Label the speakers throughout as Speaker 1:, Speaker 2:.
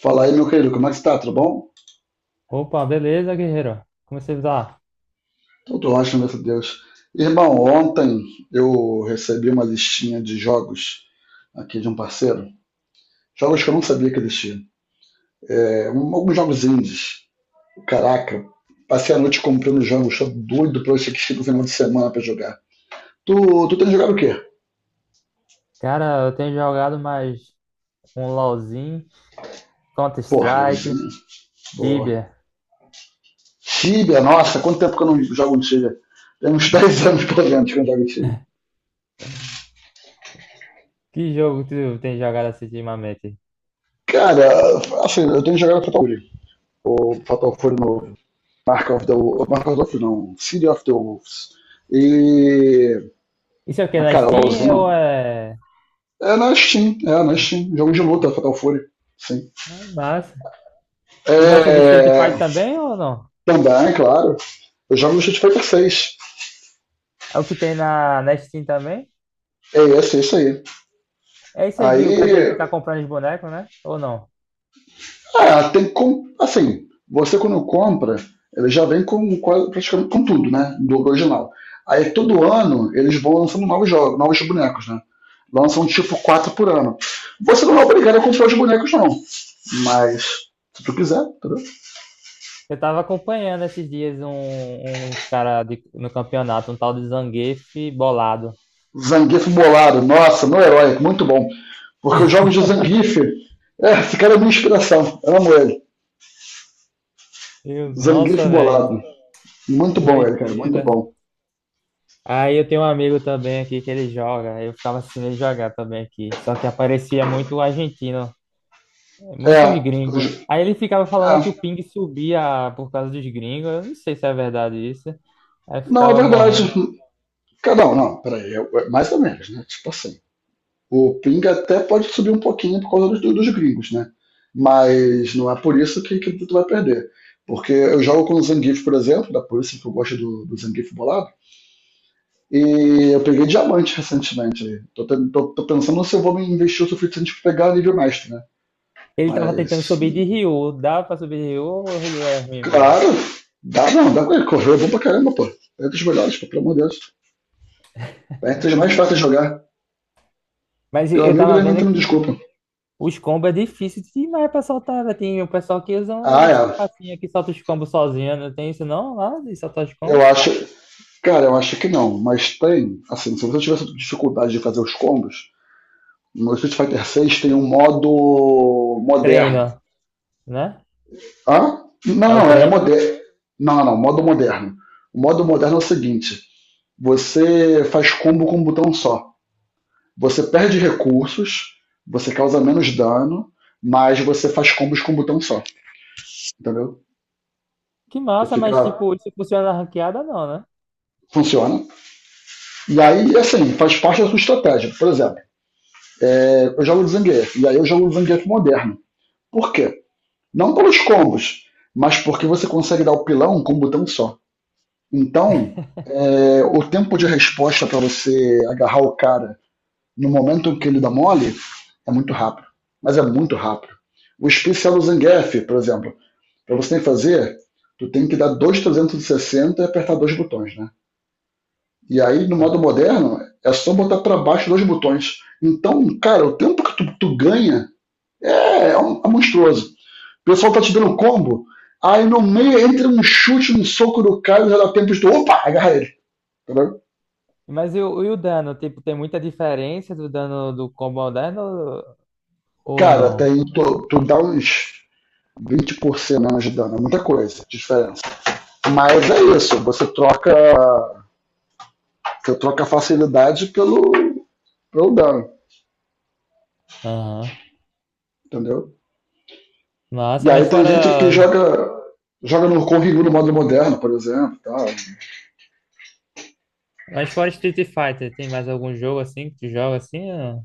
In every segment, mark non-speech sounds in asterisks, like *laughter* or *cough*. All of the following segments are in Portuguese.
Speaker 1: Fala aí, meu querido, como é que está. Tudo bom?
Speaker 2: Opa, beleza, guerreiro? Como você tá?
Speaker 1: Tudo ótimo, graças a Deus. Irmão, ontem eu recebi uma listinha de jogos aqui de um parceiro. Jogos que eu não sabia que existiam. É, alguns jogos indies. Caraca, passei a noite comprando jogos, tô doido pra eu assistir no final de semana pra jogar. Tu, tu tem jogado o quê?
Speaker 2: Cara, eu tenho jogado mais um LoLzinho,
Speaker 1: Porra,
Speaker 2: Counter-Strike,
Speaker 1: LOLzinho. Boa.
Speaker 2: Tibia.
Speaker 1: Tibia, nossa, quanto tempo que eu não jogo Tibia? Tem uns *laughs* 10 anos, pelo menos, que eu não jogo Tibia.
Speaker 2: Que jogo tu tem jogado assim ultimamente?
Speaker 1: Cara, assim, eu tenho jogado Fatal Fury. O Fatal Fury novo. Mark of the Wolves, Mark of the Wolves não, City of the Wolves. E.
Speaker 2: Isso é o quê?
Speaker 1: Mas,
Speaker 2: Na
Speaker 1: cara,
Speaker 2: Steam ou
Speaker 1: LOLzinho. É na Steam, é na
Speaker 2: na Steam?
Speaker 1: Steam. Jogo de luta, Fatal Fury. Sim.
Speaker 2: Ah, massa. Tu gosta de Street
Speaker 1: É,
Speaker 2: Fighter também ou não?
Speaker 1: também, claro. Eu jogo no Street Fighter 6*.
Speaker 2: É o que tem na Steam também?
Speaker 1: É esse, é isso aí.
Speaker 2: É isso aí que o cara
Speaker 1: Aí.
Speaker 2: tem que ficar comprando os bonecos, né? Ou não?
Speaker 1: Ah, tem como. Assim, você quando compra, ele já vem com praticamente com tudo, né? Do original. Aí todo ano eles vão lançando novos jogos, novos bonecos, né? Lançam tipo quatro por ano. Você não é obrigado a comprar os bonecos, não. Mas, se tu quiser, entendeu?
Speaker 2: Eu tava acompanhando esses dias uns caras no campeonato, um tal de Zangief bolado.
Speaker 1: Zangief bolado, nossa, no herói, muito bom. Porque os jogos de Zangief, é, esse cara é minha inspiração, eu amo ele. Zangief
Speaker 2: Nossa, velho.
Speaker 1: bolado, muito bom ele, cara, muito
Speaker 2: Doideira.
Speaker 1: bom.
Speaker 2: Aí eu tenho um amigo também aqui que ele joga. Eu ficava assistindo ele jogar também aqui. Só que aparecia muito argentino, muitos
Speaker 1: É,
Speaker 2: gringos. Aí ele ficava falando que
Speaker 1: é,
Speaker 2: o ping subia por causa dos gringos. Eu não sei se é verdade isso. Aí eu
Speaker 1: não, é
Speaker 2: ficava
Speaker 1: verdade.
Speaker 2: morrendo.
Speaker 1: Cara, não, não, peraí, mais ou menos, né? Tipo assim, o Ping até pode subir um pouquinho por causa dos gringos, né? Mas não é por isso que tu vai perder. Porque eu jogo com o Zangief, por exemplo, da polícia que eu gosto do Zangief bolado. E eu peguei diamante recentemente. Aí. Tô pensando se eu vou me investir o suficiente pra pegar nível mestre, né?
Speaker 2: Ele tava tentando
Speaker 1: Mas,
Speaker 2: subir de Ryu. Dá pra subir de Ryu ou Ryu é ruim mesmo?
Speaker 1: claro, dá não, dá pra correr, bom pra caramba, pô. É entre os melhores, pô, pelo amor de Deus. É entre os mais fáceis de jogar.
Speaker 2: Mas
Speaker 1: Teu
Speaker 2: eu
Speaker 1: amigo
Speaker 2: tava
Speaker 1: deve
Speaker 2: vendo
Speaker 1: entrando,
Speaker 2: que
Speaker 1: desculpa.
Speaker 2: os combos é difícil demais pra soltar, né? Tem o pessoal que usa
Speaker 1: Ah,
Speaker 2: umas
Speaker 1: é.
Speaker 2: trapacinhas que solta os combos sozinho. Não tem isso não? Lá de soltar os
Speaker 1: Eu
Speaker 2: combos?
Speaker 1: acho. Cara, eu acho que não, mas tem. Assim, se você tivesse dificuldade de fazer os combos, no Street Fighter 6 tem um modo moderno.
Speaker 2: Treino, né?
Speaker 1: Hã? Não,
Speaker 2: É o
Speaker 1: não, é
Speaker 2: treino, né?
Speaker 1: moderno. Não, não, não, modo moderno. O modo moderno é o seguinte: você faz combo com um botão só. Você perde recursos, você causa menos dano, mas você faz combos com um botão só, entendeu?
Speaker 2: Que
Speaker 1: Então
Speaker 2: massa, mas
Speaker 1: fica.
Speaker 2: tipo, isso funciona na ranqueada não, né?
Speaker 1: Funciona. E aí, assim, faz parte da sua estratégia. Por exemplo, eu jogo de Zangief, e aí eu jogo de Zangief moderno. Por quê? Não pelos combos, mas porque você consegue dar o pilão com um botão só. Então, o tempo de resposta para você agarrar o cara no momento que ele dá mole, é muito rápido. Mas é muito rápido. O especial do Zangief, por exemplo, para você fazer, tu tem que dar 2,360 e sessenta e apertar dois botões, né? E aí, no
Speaker 2: Ah,
Speaker 1: modo moderno, é só botar para baixo dois botões. Então, cara, o tempo que tu ganha é monstruoso. O pessoal tá te dando combo, aí no meio entra um chute, um soco do cara, já dá tempo de tu, opa, agarra ele. Tá.
Speaker 2: mas e o dano? Tipo, tem muita diferença do dano do combo moderno ou
Speaker 1: Cara, até
Speaker 2: não?
Speaker 1: aí tu dá uns 20% menos de dano, é muita coisa diferença. Mas é isso, você troca a facilidade pelo dano,
Speaker 2: Aham.
Speaker 1: entendeu? E
Speaker 2: Massa,
Speaker 1: aí
Speaker 2: mas
Speaker 1: tem gente que
Speaker 2: fora,
Speaker 1: joga no modo moderno, por exemplo. Tal.
Speaker 2: mas fora Street Fighter, tem mais algum jogo assim que tu joga assim?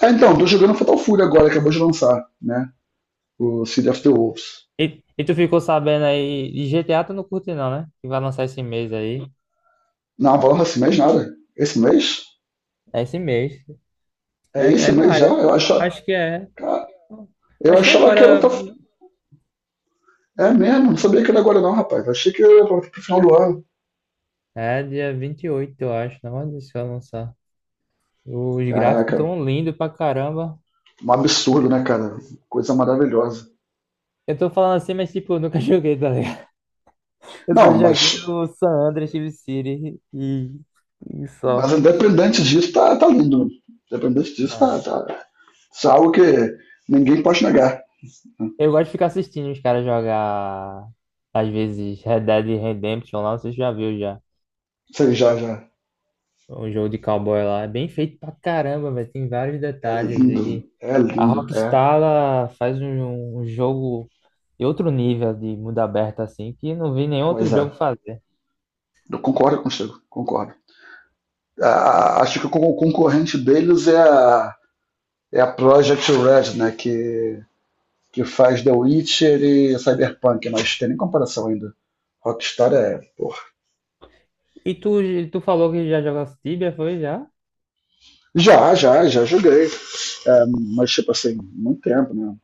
Speaker 1: Ah, então, tô jogando Fatal Fury agora, acabou de lançar, né? O City of the Wolves.
Speaker 2: E tu ficou sabendo aí, de GTA tu não curte não, né? Que vai lançar esse mês aí.
Speaker 1: Não, porra, esse mês nada. Esse mês?
Speaker 2: É esse mês.
Speaker 1: É
Speaker 2: É
Speaker 1: esse mês já?
Speaker 2: maio.
Speaker 1: Eu achava,
Speaker 2: Acho que é.
Speaker 1: cara, eu
Speaker 2: Acho que
Speaker 1: achava que era outra...
Speaker 2: agora.
Speaker 1: É mesmo, não sabia que era agora não, rapaz. Achei que era pro final do ano.
Speaker 2: É dia 28, eu acho. Não, mas isso vai lançar. Os gráficos
Speaker 1: Caraca,
Speaker 2: tão lindos pra caramba.
Speaker 1: um absurdo,
Speaker 2: Eu
Speaker 1: né, cara? Coisa maravilhosa.
Speaker 2: eu tô falando assim, mas tipo, eu nunca *laughs* joguei, tá ligado? Eu só
Speaker 1: Não,
Speaker 2: joguei o San Andreas Chief City e
Speaker 1: mas
Speaker 2: só.
Speaker 1: independente disso, tá, tá lindo. Independente disso,
Speaker 2: Mano.
Speaker 1: tá, tá. Isso é algo que ninguém pode negar.
Speaker 2: Eu gosto de ficar assistindo os caras jogar, às vezes, Red Dead Redemption lá, não sei se já viu já.
Speaker 1: Sei já, já.
Speaker 2: Um jogo de cowboy lá. É bem feito pra caramba, velho. Tem vários
Speaker 1: É
Speaker 2: detalhes.
Speaker 1: lindo.
Speaker 2: E
Speaker 1: É
Speaker 2: a
Speaker 1: lindo. É.
Speaker 2: Rockstar ela faz um jogo de outro nível de mundo aberto assim, que não vi nenhum
Speaker 1: Pois
Speaker 2: outro
Speaker 1: é.
Speaker 2: jogo fazer.
Speaker 1: Eu concordo contigo. Concordo. Ah, acho que o concorrente deles é a Project Red, né? Que faz The Witcher e Cyberpunk, mas tem nem comparação ainda. Rockstar é, porra.
Speaker 2: E tu falou que já jogou Tibia, foi já?
Speaker 1: Já, já, já joguei. É, mas, tipo assim, muito tempo, né?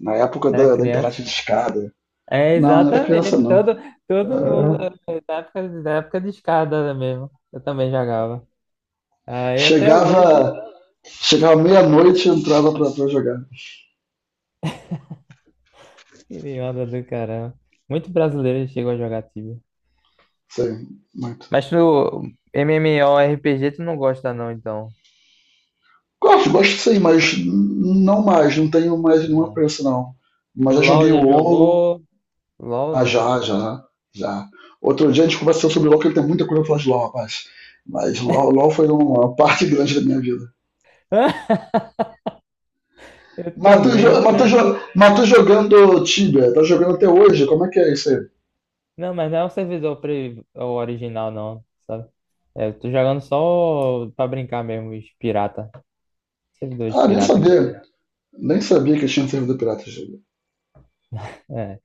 Speaker 1: Na época
Speaker 2: Era
Speaker 1: da
Speaker 2: criança.
Speaker 1: internet de escada.
Speaker 2: É,
Speaker 1: Não, não era criança,
Speaker 2: exatamente. Todo,
Speaker 1: não.
Speaker 2: todo mundo,
Speaker 1: Ah,
Speaker 2: da época, de escada mesmo. Eu também jogava. Aí até hoje,
Speaker 1: Chegava, chegava meia-noite e entrava pra jogar.
Speaker 2: que me onda do caramba. Muito brasileiro chegou a jogar Tibia.
Speaker 1: Sim, muito.
Speaker 2: Mas no MMORPG tu não gosta não, então.
Speaker 1: Gosto, gosto sim, mas não mais, não tenho mais nenhuma
Speaker 2: Não.
Speaker 1: pressa, não. Mas já joguei
Speaker 2: LOL
Speaker 1: o
Speaker 2: já
Speaker 1: WoW.
Speaker 2: jogou? LOL
Speaker 1: Ah,
Speaker 2: não.
Speaker 1: já, já, já. Outro dia a gente conversou sobre LoL, que tem muita coisa pra falar de LoL, rapaz. Mas LoL foi uma parte *laughs* grande da minha vida.
Speaker 2: *laughs* Eu
Speaker 1: Mas tu,
Speaker 2: também,
Speaker 1: jo- mas tu
Speaker 2: cara.
Speaker 1: jo- mas tu jogando Tibia, tá jogando até hoje, como é que é isso aí?
Speaker 2: Não, mas não é o servidor o original, não, sabe? É, eu tô jogando só pra brincar mesmo, os pirata. Servidores
Speaker 1: Ah, nem
Speaker 2: pirata que tem.
Speaker 1: sabia. Nem sabia que tinha servidor pirata.
Speaker 2: É,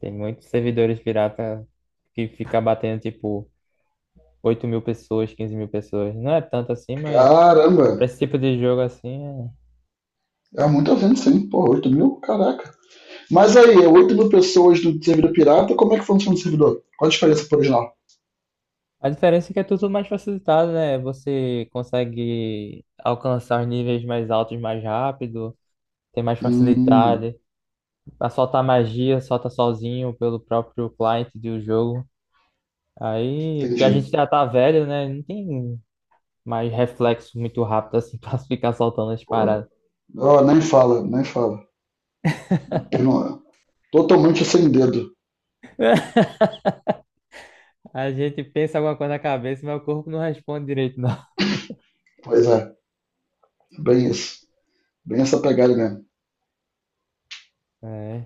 Speaker 2: tem muitos servidores pirata que fica batendo, tipo, 8.000 pessoas, 15.000 pessoas. Não é tanto assim, mas
Speaker 1: Caramba,
Speaker 2: pra esse tipo de jogo, assim, é.
Speaker 1: é muita venda sim. Pô, 8 mil? Caraca. Mas aí, é 8 mil pessoas no servidor pirata, como é que funciona o servidor? Qual a diferença pro original?
Speaker 2: A diferença é que é tudo mais facilitado, né? Você consegue alcançar os níveis mais altos mais rápido, tem mais
Speaker 1: Hum,
Speaker 2: facilidade. Pra soltar magia, solta sozinho pelo próprio client do jogo. Aí, porque a
Speaker 1: entendi.
Speaker 2: gente já tá velho, né? Não tem mais reflexo muito rápido assim *laughs* pra ficar soltando as
Speaker 1: Pô,
Speaker 2: paradas.
Speaker 1: ó, nem fala, nem fala. Tem uma- Totalmente sem dedo.
Speaker 2: A gente pensa alguma coisa na cabeça, mas o corpo não responde direito, não. *laughs*
Speaker 1: Pois é, bem isso. Bem essa pegada mesmo.
Speaker 2: É.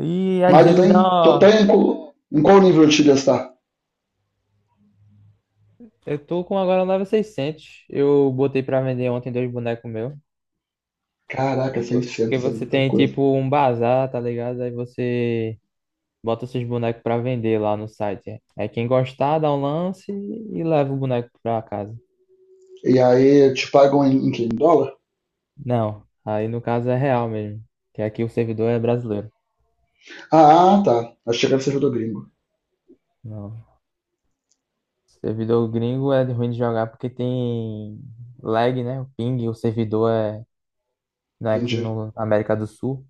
Speaker 2: E às
Speaker 1: Mas tu
Speaker 2: vezes dá
Speaker 1: tem, tu tem
Speaker 2: uma.
Speaker 1: em qual nível de gastar?
Speaker 2: Eu tô com agora um 9600. Eu botei pra vender ontem dois bonecos meus.
Speaker 1: Caraca,
Speaker 2: Porque
Speaker 1: 600 é
Speaker 2: você
Speaker 1: muita
Speaker 2: tem
Speaker 1: coisa.
Speaker 2: tipo um bazar, tá ligado? Aí você bota seus bonecos pra vender lá no site. Aí quem gostar dá um lance e leva o boneco pra casa.
Speaker 1: E aí, te pagam em, quê? Em dólar?
Speaker 2: Não, aí no caso é real mesmo, que aqui o servidor é brasileiro.
Speaker 1: Ah, tá. Achei que era servidor gringo.
Speaker 2: Não. Servidor gringo é ruim de jogar porque tem lag, né? O ping, o servidor é né, aqui
Speaker 1: Entendi.
Speaker 2: no na América do Sul.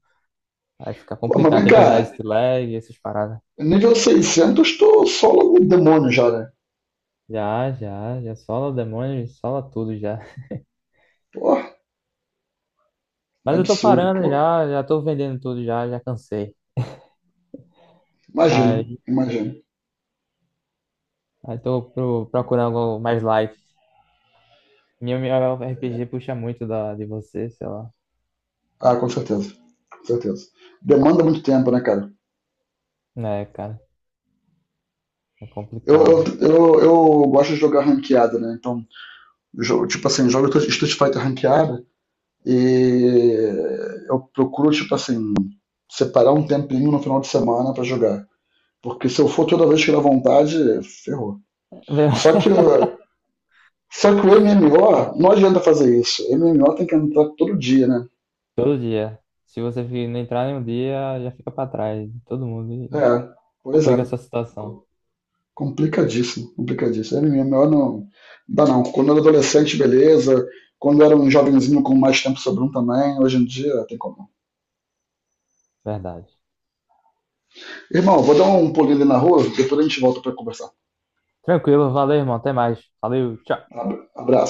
Speaker 2: Aí fica
Speaker 1: Pô, mas
Speaker 2: complicado,
Speaker 1: vem
Speaker 2: tem que usar
Speaker 1: cá.
Speaker 2: esse lag, essas paradas.
Speaker 1: Nível 600, tô só logo o demônio já, né?
Speaker 2: Já, já, já sola o demônio, sola tudo já.
Speaker 1: Pô,
Speaker 2: Mas eu tô
Speaker 1: absurdo.
Speaker 2: parando
Speaker 1: Pô,
Speaker 2: já, já tô vendendo tudo já, já cansei.
Speaker 1: imagino,
Speaker 2: Aí,
Speaker 1: imagino.
Speaker 2: aí tô procurando algo mais light. Minha RPG puxa muito de você, sei lá.
Speaker 1: Ah, com certeza. Com certeza. Demanda muito tempo, né, cara?
Speaker 2: É, cara, é
Speaker 1: Eu, eu,
Speaker 2: complicado.
Speaker 1: eu, eu gosto de jogar ranqueada, né? Então, tipo assim, jogo Street Fighter ranqueada e eu procuro, tipo assim, separar um tempinho no final de semana pra jogar. Porque se eu for toda vez que dá vontade, ferrou.
Speaker 2: Meu,
Speaker 1: Só que,
Speaker 2: *laughs*
Speaker 1: só que o MMO, não adianta fazer isso. MMO tem que entrar todo dia, né?
Speaker 2: Todo dia. Se você não entrar em um dia, já fica pra trás. Todo mundo e
Speaker 1: É, pois é.
Speaker 2: complica a sua situação.
Speaker 1: Co- Complicadíssimo, complicadíssimo. É melhor não. Não dá não. Quando eu era adolescente, beleza. Quando eu era um jovenzinho com mais tempo sobrando também, hoje em dia tem como.
Speaker 2: Verdade.
Speaker 1: Irmão, vou dar um pulinho ali na rua, depois a gente volta pra conversar.
Speaker 2: Tranquilo, valeu, irmão. Até mais. Valeu, tchau.
Speaker 1: Abraço.